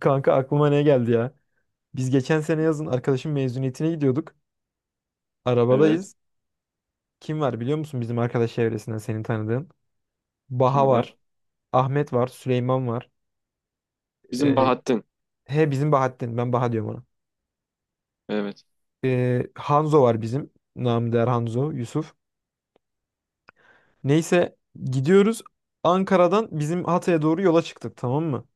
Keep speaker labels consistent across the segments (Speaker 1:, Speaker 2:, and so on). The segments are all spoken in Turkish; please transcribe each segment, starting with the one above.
Speaker 1: Kanka aklıma ne geldi ya? Biz geçen sene yazın arkadaşın mezuniyetine gidiyorduk.
Speaker 2: Evet.
Speaker 1: Arabadayız. Kim var biliyor musun bizim arkadaş çevresinden senin tanıdığın? Baha
Speaker 2: Kim var?
Speaker 1: var. Ahmet var. Süleyman var.
Speaker 2: Bizim
Speaker 1: Ee,
Speaker 2: Bahattin.
Speaker 1: he bizim Bahattin. Ben Baha diyorum ona.
Speaker 2: Evet.
Speaker 1: Hanzo var bizim. Namı değer Hanzo. Yusuf. Neyse gidiyoruz. Ankara'dan bizim Hatay'a doğru yola çıktık, tamam mı?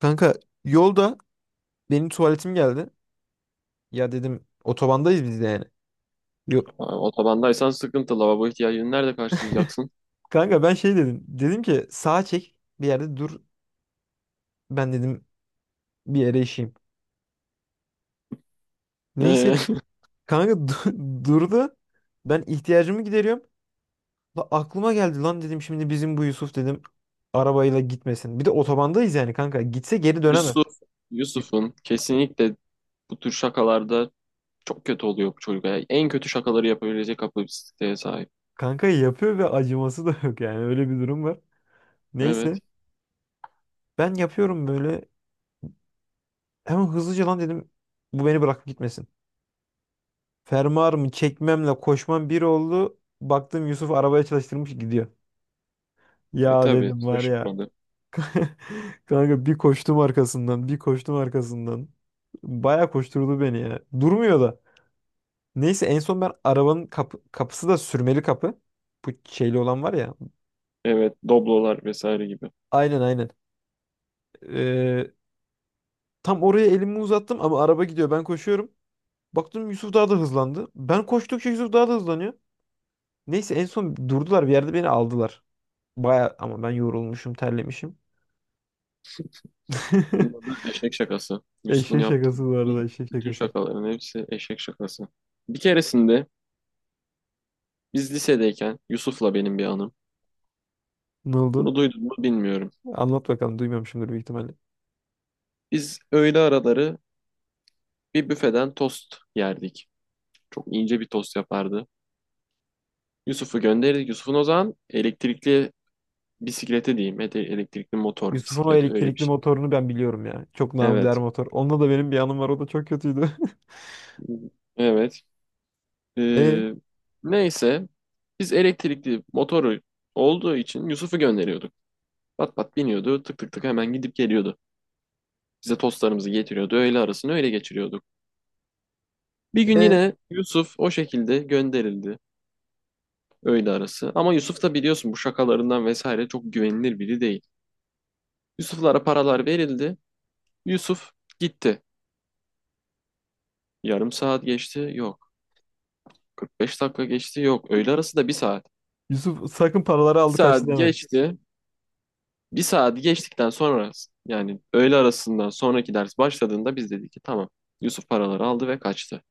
Speaker 1: Kanka yolda benim tuvaletim geldi. Ya dedim otobandayız biz de yani. Yok.
Speaker 2: Aa, otobandaysan sıkıntı. Lavabo ihtiyacını nerede karşılayacaksın?
Speaker 1: Kanka ben şey dedim. Dedim ki sağa çek bir yerde dur. Ben dedim bir yere işeyim. Neyse
Speaker 2: Ee,
Speaker 1: kanka durdu. Ben ihtiyacımı gideriyorum. La aklıma geldi, lan dedim şimdi bizim bu Yusuf dedim arabayla gitmesin. Bir de otobandayız yani kanka. Gitse geri dönemez.
Speaker 2: Yusuf. Yusuf'un kesinlikle bu tür şakalarda çok kötü oluyor bu çocuk. Yani en kötü şakaları yapabilecek kapasiteye sahip.
Speaker 1: Kanka yapıyor ve acıması da yok yani, öyle bir durum var.
Speaker 2: Evet.
Speaker 1: Neyse ben yapıyorum böyle, hemen hızlıca lan dedim bu beni bırakıp gitmesin. Fermuarımı çekmemle koşmam bir oldu. Baktım Yusuf arabaya çalıştırmış gidiyor.
Speaker 2: E
Speaker 1: Ya
Speaker 2: tabii.
Speaker 1: dedim var ya.
Speaker 2: Şaşırtmadı.
Speaker 1: Kanka bir koştum arkasından, bir koştum arkasından. Baya koşturdu beni ya. Durmuyor da. Neyse en son ben arabanın kapı, kapısı da sürmeli kapı. Bu şeyli olan var ya.
Speaker 2: Evet. Doblolar vesaire gibi.
Speaker 1: Aynen aynen. Ee, Tam oraya elimi uzattım ama araba gidiyor. Ben koşuyorum. Baktım Yusuf daha da hızlandı. Ben koştukça Yusuf daha da hızlanıyor. Neyse en son durdular bir yerde, beni aldılar. Baya ama ben yorulmuşum, terlemişim.
Speaker 2: Bunda da eşek şakası. Yusuf'un
Speaker 1: Eşek
Speaker 2: yaptığı
Speaker 1: şakası bu arada,
Speaker 2: bütün,
Speaker 1: eşek
Speaker 2: bütün
Speaker 1: şakası.
Speaker 2: şakaların hepsi eşek şakası. Bir keresinde biz lisedeyken Yusuf'la benim bir anım.
Speaker 1: Ne oldu?
Speaker 2: Bunu duydun mu bilmiyorum.
Speaker 1: Anlat bakalım, duymamışımdır büyük ihtimalle.
Speaker 2: Biz öğle araları bir büfeden tost yerdik. Çok ince bir tost yapardı. Yusuf'u gönderirdik. Yusuf'un o zaman elektrikli bisikleti diyeyim. Elektrikli motor
Speaker 1: Yusuf'un o
Speaker 2: bisikleti öyle bir
Speaker 1: elektrikli
Speaker 2: şey.
Speaker 1: motorunu ben biliyorum ya. Çok namıdiğer
Speaker 2: Evet.
Speaker 1: motor. Onunla da benim bir anım var. O da çok kötüydü.
Speaker 2: Evet.
Speaker 1: E,
Speaker 2: Ee, neyse. Biz elektrikli motoru olduğu için Yusuf'u gönderiyorduk. Pat pat biniyordu. Tık tık tık hemen gidip geliyordu. Bize tostlarımızı getiriyordu. Öğle arasını öyle geçiriyorduk. Bir gün
Speaker 1: e.
Speaker 2: yine Yusuf o şekilde gönderildi. Öyle arası. Ama Yusuf da biliyorsun bu şakalarından vesaire çok güvenilir biri değil. Yusuf'lara paralar verildi. Yusuf gitti. Yarım saat geçti. Yok. 45 dakika geçti. Yok. Öğle arası da bir saat.
Speaker 1: Yusuf sakın paraları
Speaker 2: Bir
Speaker 1: aldı
Speaker 2: saat
Speaker 1: kaçtı deme.
Speaker 2: geçti. Bir saat geçtikten sonra yani öğle arasından sonraki ders başladığında biz dedik ki tamam. Yusuf paraları aldı ve kaçtı.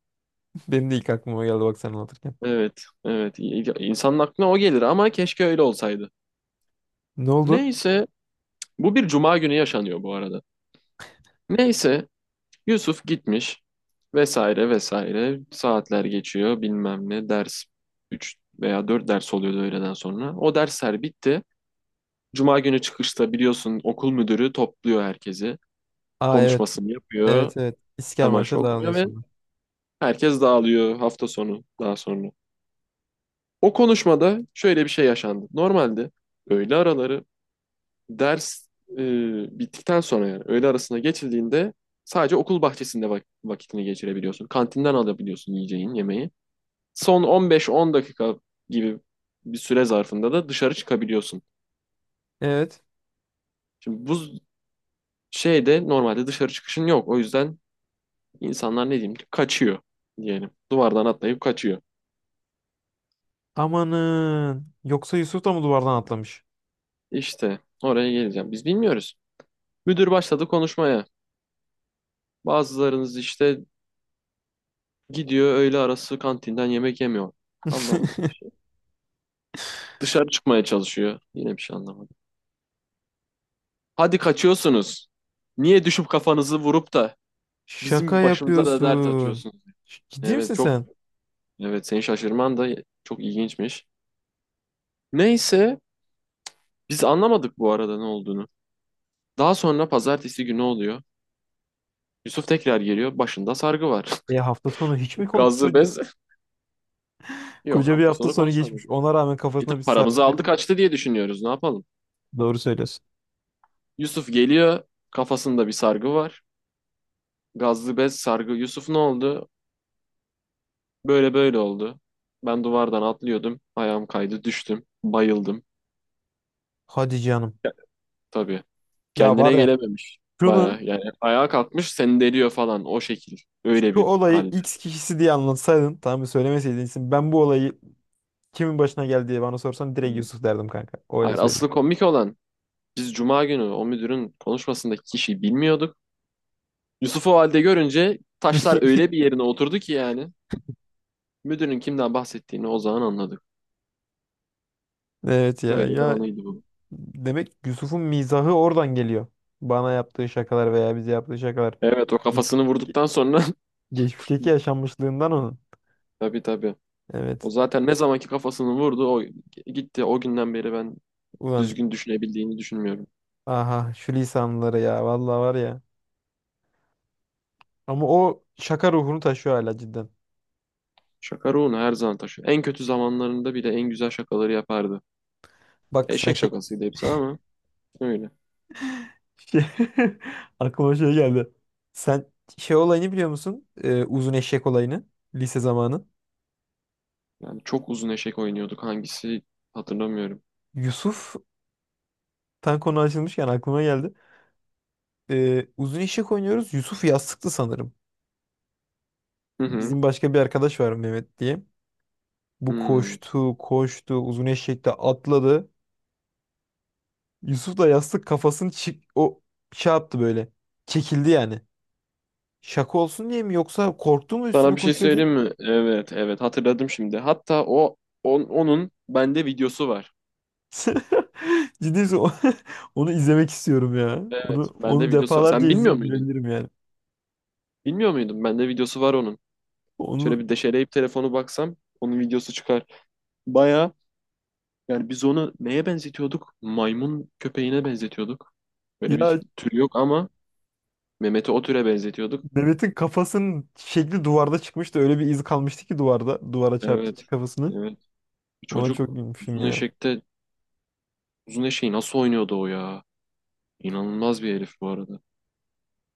Speaker 1: Benim de ilk aklıma geldi, bak sen anlatırken.
Speaker 2: Evet. Evet. İnsanın aklına o gelir ama keşke öyle olsaydı.
Speaker 1: Ne oldu?
Speaker 2: Neyse. Bu bir cuma günü yaşanıyor bu arada. Neyse, Yusuf gitmiş, vesaire vesaire saatler geçiyor, bilmem ne ders, 3 veya 4 ders oluyordu öğleden sonra. O dersler bitti. Cuma günü çıkışta biliyorsun okul müdürü topluyor herkesi.
Speaker 1: Aa evet.
Speaker 2: Konuşmasını yapıyor.
Speaker 1: Evet evet. İsker
Speaker 2: İstiklal Marşı
Speaker 1: Marş'a dağılıyor
Speaker 2: okunuyor ve
Speaker 1: sonra.
Speaker 2: herkes dağılıyor, hafta sonu daha sonra. O konuşmada şöyle bir şey yaşandı. Normalde öğle araları ders bittikten sonra, yani öğle arasına geçildiğinde, sadece okul bahçesinde vakitini geçirebiliyorsun. Kantinden alabiliyorsun yiyeceğin yemeği. Son 15-10 dakika gibi bir süre zarfında da dışarı çıkabiliyorsun.
Speaker 1: Evet.
Speaker 2: Şimdi bu şeyde normalde dışarı çıkışın yok. O yüzden insanlar, ne diyeyim ki, kaçıyor diyelim. Duvardan atlayıp kaçıyor.
Speaker 1: Amanın. Yoksa Yusuf da mı duvardan atlamış?
Speaker 2: İşte oraya geleceğim. Biz bilmiyoruz. Müdür başladı konuşmaya. Bazılarınız işte gidiyor öğle arası, kantinden yemek yemiyor. Anlamadık. Dışarı çıkmaya çalışıyor. Yine bir şey anlamadım. Hadi kaçıyorsunuz. Niye düşüp kafanızı vurup da
Speaker 1: Şaka
Speaker 2: bizim başımıza da dert
Speaker 1: yapıyorsun.
Speaker 2: atıyorsunuz?
Speaker 1: Ciddi misin
Speaker 2: Evet, çok,
Speaker 1: sen?
Speaker 2: evet, seni şaşırman da çok ilginçmiş. Neyse, biz anlamadık bu arada ne olduğunu. Daha sonra pazartesi günü oluyor. Yusuf tekrar geliyor. Başında sargı var.
Speaker 1: E hafta sonu hiç mi
Speaker 2: Gazlı
Speaker 1: çocuk?
Speaker 2: bez. Yok,
Speaker 1: Koca bir
Speaker 2: hafta
Speaker 1: hafta
Speaker 2: sonu
Speaker 1: sonu
Speaker 2: konuşmadık.
Speaker 1: geçmiş. Ona rağmen
Speaker 2: E
Speaker 1: kafasına bir
Speaker 2: tabii, paramızı
Speaker 1: sargı
Speaker 2: aldı
Speaker 1: bezi.
Speaker 2: kaçtı diye düşünüyoruz. Ne yapalım?
Speaker 1: Doğru söylüyorsun.
Speaker 2: Yusuf geliyor. Kafasında bir sargı var. Gazlı bez sargı. Yusuf ne oldu? Böyle böyle oldu. Ben duvardan atlıyordum. Ayağım kaydı, düştüm. Bayıldım.
Speaker 1: Hadi canım.
Speaker 2: Tabii.
Speaker 1: Ya var
Speaker 2: Kendine
Speaker 1: ya.
Speaker 2: gelememiş.
Speaker 1: Şunu,
Speaker 2: Baya yani ayağa kalkmış, seni deliyor falan, o şekil. Öyle
Speaker 1: şu
Speaker 2: bir
Speaker 1: olayı
Speaker 2: halde.
Speaker 1: X kişisi diye anlatsaydın, tamam mı, söylemeseydin isim, ben bu olayı kimin başına geldi diye bana sorsan direkt
Speaker 2: Hmm.
Speaker 1: Yusuf derdim kanka. Öyle
Speaker 2: Hayır,
Speaker 1: söyleyeyim.
Speaker 2: asıl komik olan, biz cuma günü o müdürün konuşmasındaki kişiyi bilmiyorduk. Yusuf'u o halde görünce taşlar öyle bir yerine oturdu ki yani. Müdürün kimden bahsettiğini o zaman anladık.
Speaker 1: Evet ya
Speaker 2: Böyle bir
Speaker 1: ya,
Speaker 2: anıydı bu.
Speaker 1: demek Yusuf'un mizahı oradan geliyor. Bana yaptığı şakalar veya bize yaptığı şakalar.
Speaker 2: Evet, o kafasını
Speaker 1: Geçmişteki,
Speaker 2: vurduktan sonra
Speaker 1: geçmişteki yaşanmışlığından onun.
Speaker 2: tabii tabii. O
Speaker 1: Evet.
Speaker 2: zaten ne zamanki kafasını vurdu o gitti. O günden beri ben
Speaker 1: Ulan
Speaker 2: düzgün düşünebildiğini düşünmüyorum.
Speaker 1: aha şu lisanları ya, vallahi var ya. Ama o şaka ruhunu taşıyor hala cidden.
Speaker 2: Şaka ruhunu her zaman taşıyor. En kötü zamanlarında bile en güzel şakaları yapardı.
Speaker 1: Bak sen
Speaker 2: Eşek
Speaker 1: şey.
Speaker 2: şakasıydı hepsi ama öyle.
Speaker 1: Şey, aklıma şey geldi. Sen şey olayını biliyor musun? Uzun eşek olayını. Lise zamanı.
Speaker 2: Yani çok uzun eşek oynuyorduk. Hangisi hatırlamıyorum.
Speaker 1: Yusuf, tam konu açılmışken aklıma geldi. Uzun eşek oynuyoruz. Yusuf yastıktı sanırım.
Speaker 2: Hı hı.
Speaker 1: Bizim başka bir arkadaş var Mehmet diye. Bu
Speaker 2: Hmm.
Speaker 1: koştu, koştu, uzun eşekte atladı. Yusuf da yastık kafasını o şey yaptı böyle. Çekildi yani. Şaka olsun diye mi, yoksa korktu mu üstüne
Speaker 2: Sana bir şey
Speaker 1: koşuyordu?
Speaker 2: söyleyeyim mi? Evet, evet, hatırladım şimdi. Hatta onun bende videosu var.
Speaker 1: Ciddi misin? Onu izlemek istiyorum ya.
Speaker 2: Evet,
Speaker 1: Onu,
Speaker 2: bende
Speaker 1: onu
Speaker 2: videosu var.
Speaker 1: defalarca
Speaker 2: Sen bilmiyor
Speaker 1: izleyip
Speaker 2: muydun?
Speaker 1: gülebilirim yani.
Speaker 2: Bilmiyor muydun? Bende videosu var onun. Şöyle
Speaker 1: Onu
Speaker 2: bir deşeleyip telefonu baksam onun videosu çıkar. Baya. Yani biz onu neye benzetiyorduk? Maymun köpeğine benzetiyorduk. Böyle bir
Speaker 1: ya.
Speaker 2: tür yok ama Mehmet'i o türe benzetiyorduk.
Speaker 1: Mehmet'in kafasının şekli duvarda çıkmıştı. Öyle bir iz kalmıştı ki duvarda. Duvara çarptı
Speaker 2: Evet.
Speaker 1: içi kafasını.
Speaker 2: Evet. Bu
Speaker 1: Ona
Speaker 2: çocuk
Speaker 1: çok gülmüşüm
Speaker 2: uzun
Speaker 1: ya.
Speaker 2: eşekte uzun eşeği nasıl oynuyordu o ya? İnanılmaz bir herif bu arada.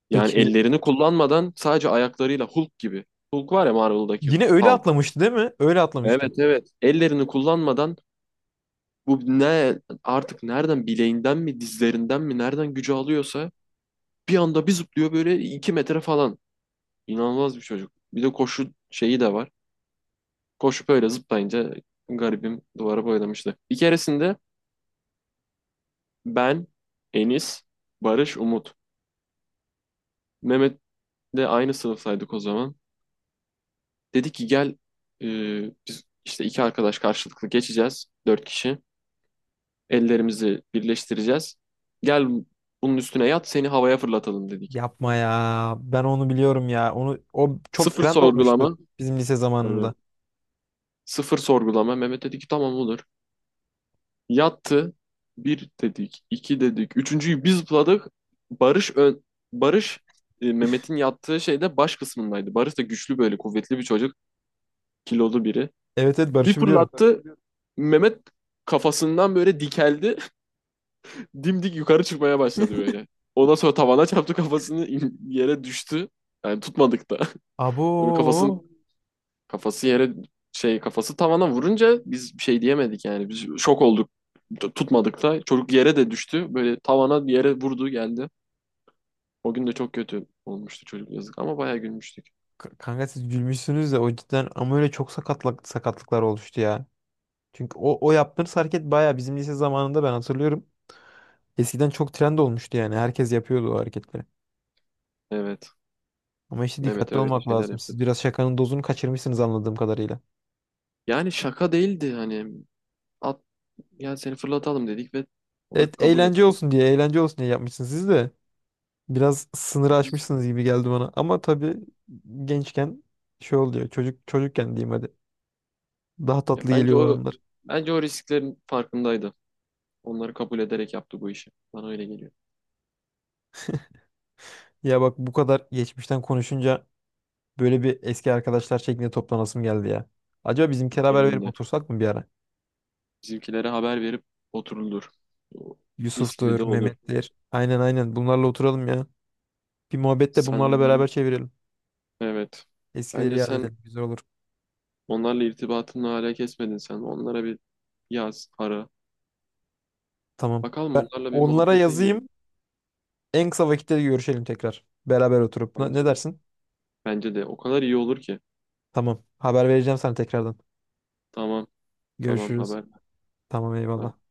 Speaker 2: Yani
Speaker 1: Peki
Speaker 2: ellerini kullanmadan sadece ayaklarıyla Hulk gibi. Hulk var ya, Marvel'daki
Speaker 1: yine öyle
Speaker 2: Hulk.
Speaker 1: atlamıştı değil mi? Öyle atlamıştı.
Speaker 2: Evet, evet. Ellerini kullanmadan, bu ne artık, nereden, bileğinden mi, dizlerinden mi, nereden gücü alıyorsa bir anda bir zıplıyor böyle, iki metre falan. İnanılmaz bir çocuk. Bir de koşu şeyi de var. Koşup öyle zıplayınca garibim duvara boylamıştı. Bir keresinde ben, Enis, Barış, Umut. Mehmet de aynı sınıftaydık o zaman. Dedi ki gel, e, biz işte iki arkadaş karşılıklı geçeceğiz. Dört kişi. Ellerimizi birleştireceğiz. Gel, bunun üstüne yat, seni havaya fırlatalım dedik.
Speaker 1: Yapma ya. Ben onu biliyorum ya. Onu o çok
Speaker 2: Sıfır
Speaker 1: trend olmuştu
Speaker 2: sorgulama.
Speaker 1: bizim lise zamanında.
Speaker 2: Tabii. Sıfır sorgulama. Mehmet dedi ki tamam olur. Yattı. Bir dedik, iki dedik. Üçüncüyü biz zıpladık. Barış ön, Barış Mehmet'in yattığı şeyde baş kısmındaydı. Barış da güçlü, böyle kuvvetli bir çocuk. Kilolu biri.
Speaker 1: Evet evet,
Speaker 2: Bir
Speaker 1: Barış'ı biliyorum.
Speaker 2: fırlattı. Mehmet kafasından böyle dikeldi. Dimdik yukarı çıkmaya başladı böyle. Ondan sonra tavana çarptı kafasını, yere düştü. Yani tutmadık da. Böyle
Speaker 1: Abo.
Speaker 2: kafasının Kafası yere şey Kafası tavana vurunca biz bir şey diyemedik yani. Biz şok olduk. Tutmadık da. Çocuk yere de düştü. Böyle tavana, yere vurdu geldi. O gün de çok kötü olmuştu çocuk, yazık, ama bayağı gülmüştük.
Speaker 1: Kanka siz gülmüşsünüz de o cidden ama öyle çok sakatlık, sakatlıklar oluştu ya. Çünkü o yaptığınız hareket bayağı bizim lise zamanında ben hatırlıyorum. Eskiden çok trend olmuştu yani. Herkes yapıyordu o hareketleri.
Speaker 2: Evet.
Speaker 1: Ama işte
Speaker 2: Mehmet
Speaker 1: dikkatli
Speaker 2: öyle
Speaker 1: olmak
Speaker 2: şeyler
Speaker 1: lazım. Siz
Speaker 2: yapıyordu.
Speaker 1: biraz şakanın dozunu kaçırmışsınız anladığım kadarıyla.
Speaker 2: Yani şaka değildi hani. At, yani seni fırlatalım dedik ve o da
Speaker 1: Evet
Speaker 2: kabul
Speaker 1: eğlence
Speaker 2: etti.
Speaker 1: olsun diye, eğlence olsun diye yapmışsınız siz de. Biraz sınırı
Speaker 2: Biz
Speaker 1: aşmışsınız gibi geldi bana. Ama tabii gençken şey oluyor. Çocuk çocukken diyeyim hadi. Daha
Speaker 2: ya,
Speaker 1: tatlı
Speaker 2: bence
Speaker 1: geliyor o
Speaker 2: o
Speaker 1: anlar.
Speaker 2: bence o risklerin farkındaydı. Onları kabul ederek yaptı bu işi. Bana öyle geliyor.
Speaker 1: Ya bak, bu kadar geçmişten konuşunca böyle bir eski arkadaşlar şeklinde toplanasım geldi ya. Acaba bizimkiler haber
Speaker 2: Benim
Speaker 1: verip
Speaker 2: de.
Speaker 1: otursak mı bir ara?
Speaker 2: Bizimkilere haber verip oturulur. Mis gibi
Speaker 1: Yusuf'tur,
Speaker 2: de olur.
Speaker 1: Mehmet'tir. Aynen aynen. Bunlarla oturalım ya. Bir muhabbet de
Speaker 2: Sen
Speaker 1: bunlarla beraber
Speaker 2: onların,
Speaker 1: çevirelim.
Speaker 2: evet.
Speaker 1: Eskileri
Speaker 2: Bence
Speaker 1: yad
Speaker 2: sen
Speaker 1: edelim. Güzel olur.
Speaker 2: onlarla irtibatını hala kesmedin sen. Onlara bir yaz, ara.
Speaker 1: Tamam.
Speaker 2: Bakalım onlarla bir
Speaker 1: Onlara
Speaker 2: muhabbete
Speaker 1: yazayım.
Speaker 2: girelim.
Speaker 1: En kısa vakitte görüşelim tekrar. Beraber oturup. Ne, ne
Speaker 2: Bence de.
Speaker 1: dersin?
Speaker 2: Bence de. O kadar iyi olur ki.
Speaker 1: Tamam. Haber vereceğim sana tekrardan.
Speaker 2: Tamam. Tamam,
Speaker 1: Görüşürüz.
Speaker 2: haber
Speaker 1: Tamam eyvallah.
Speaker 2: ver.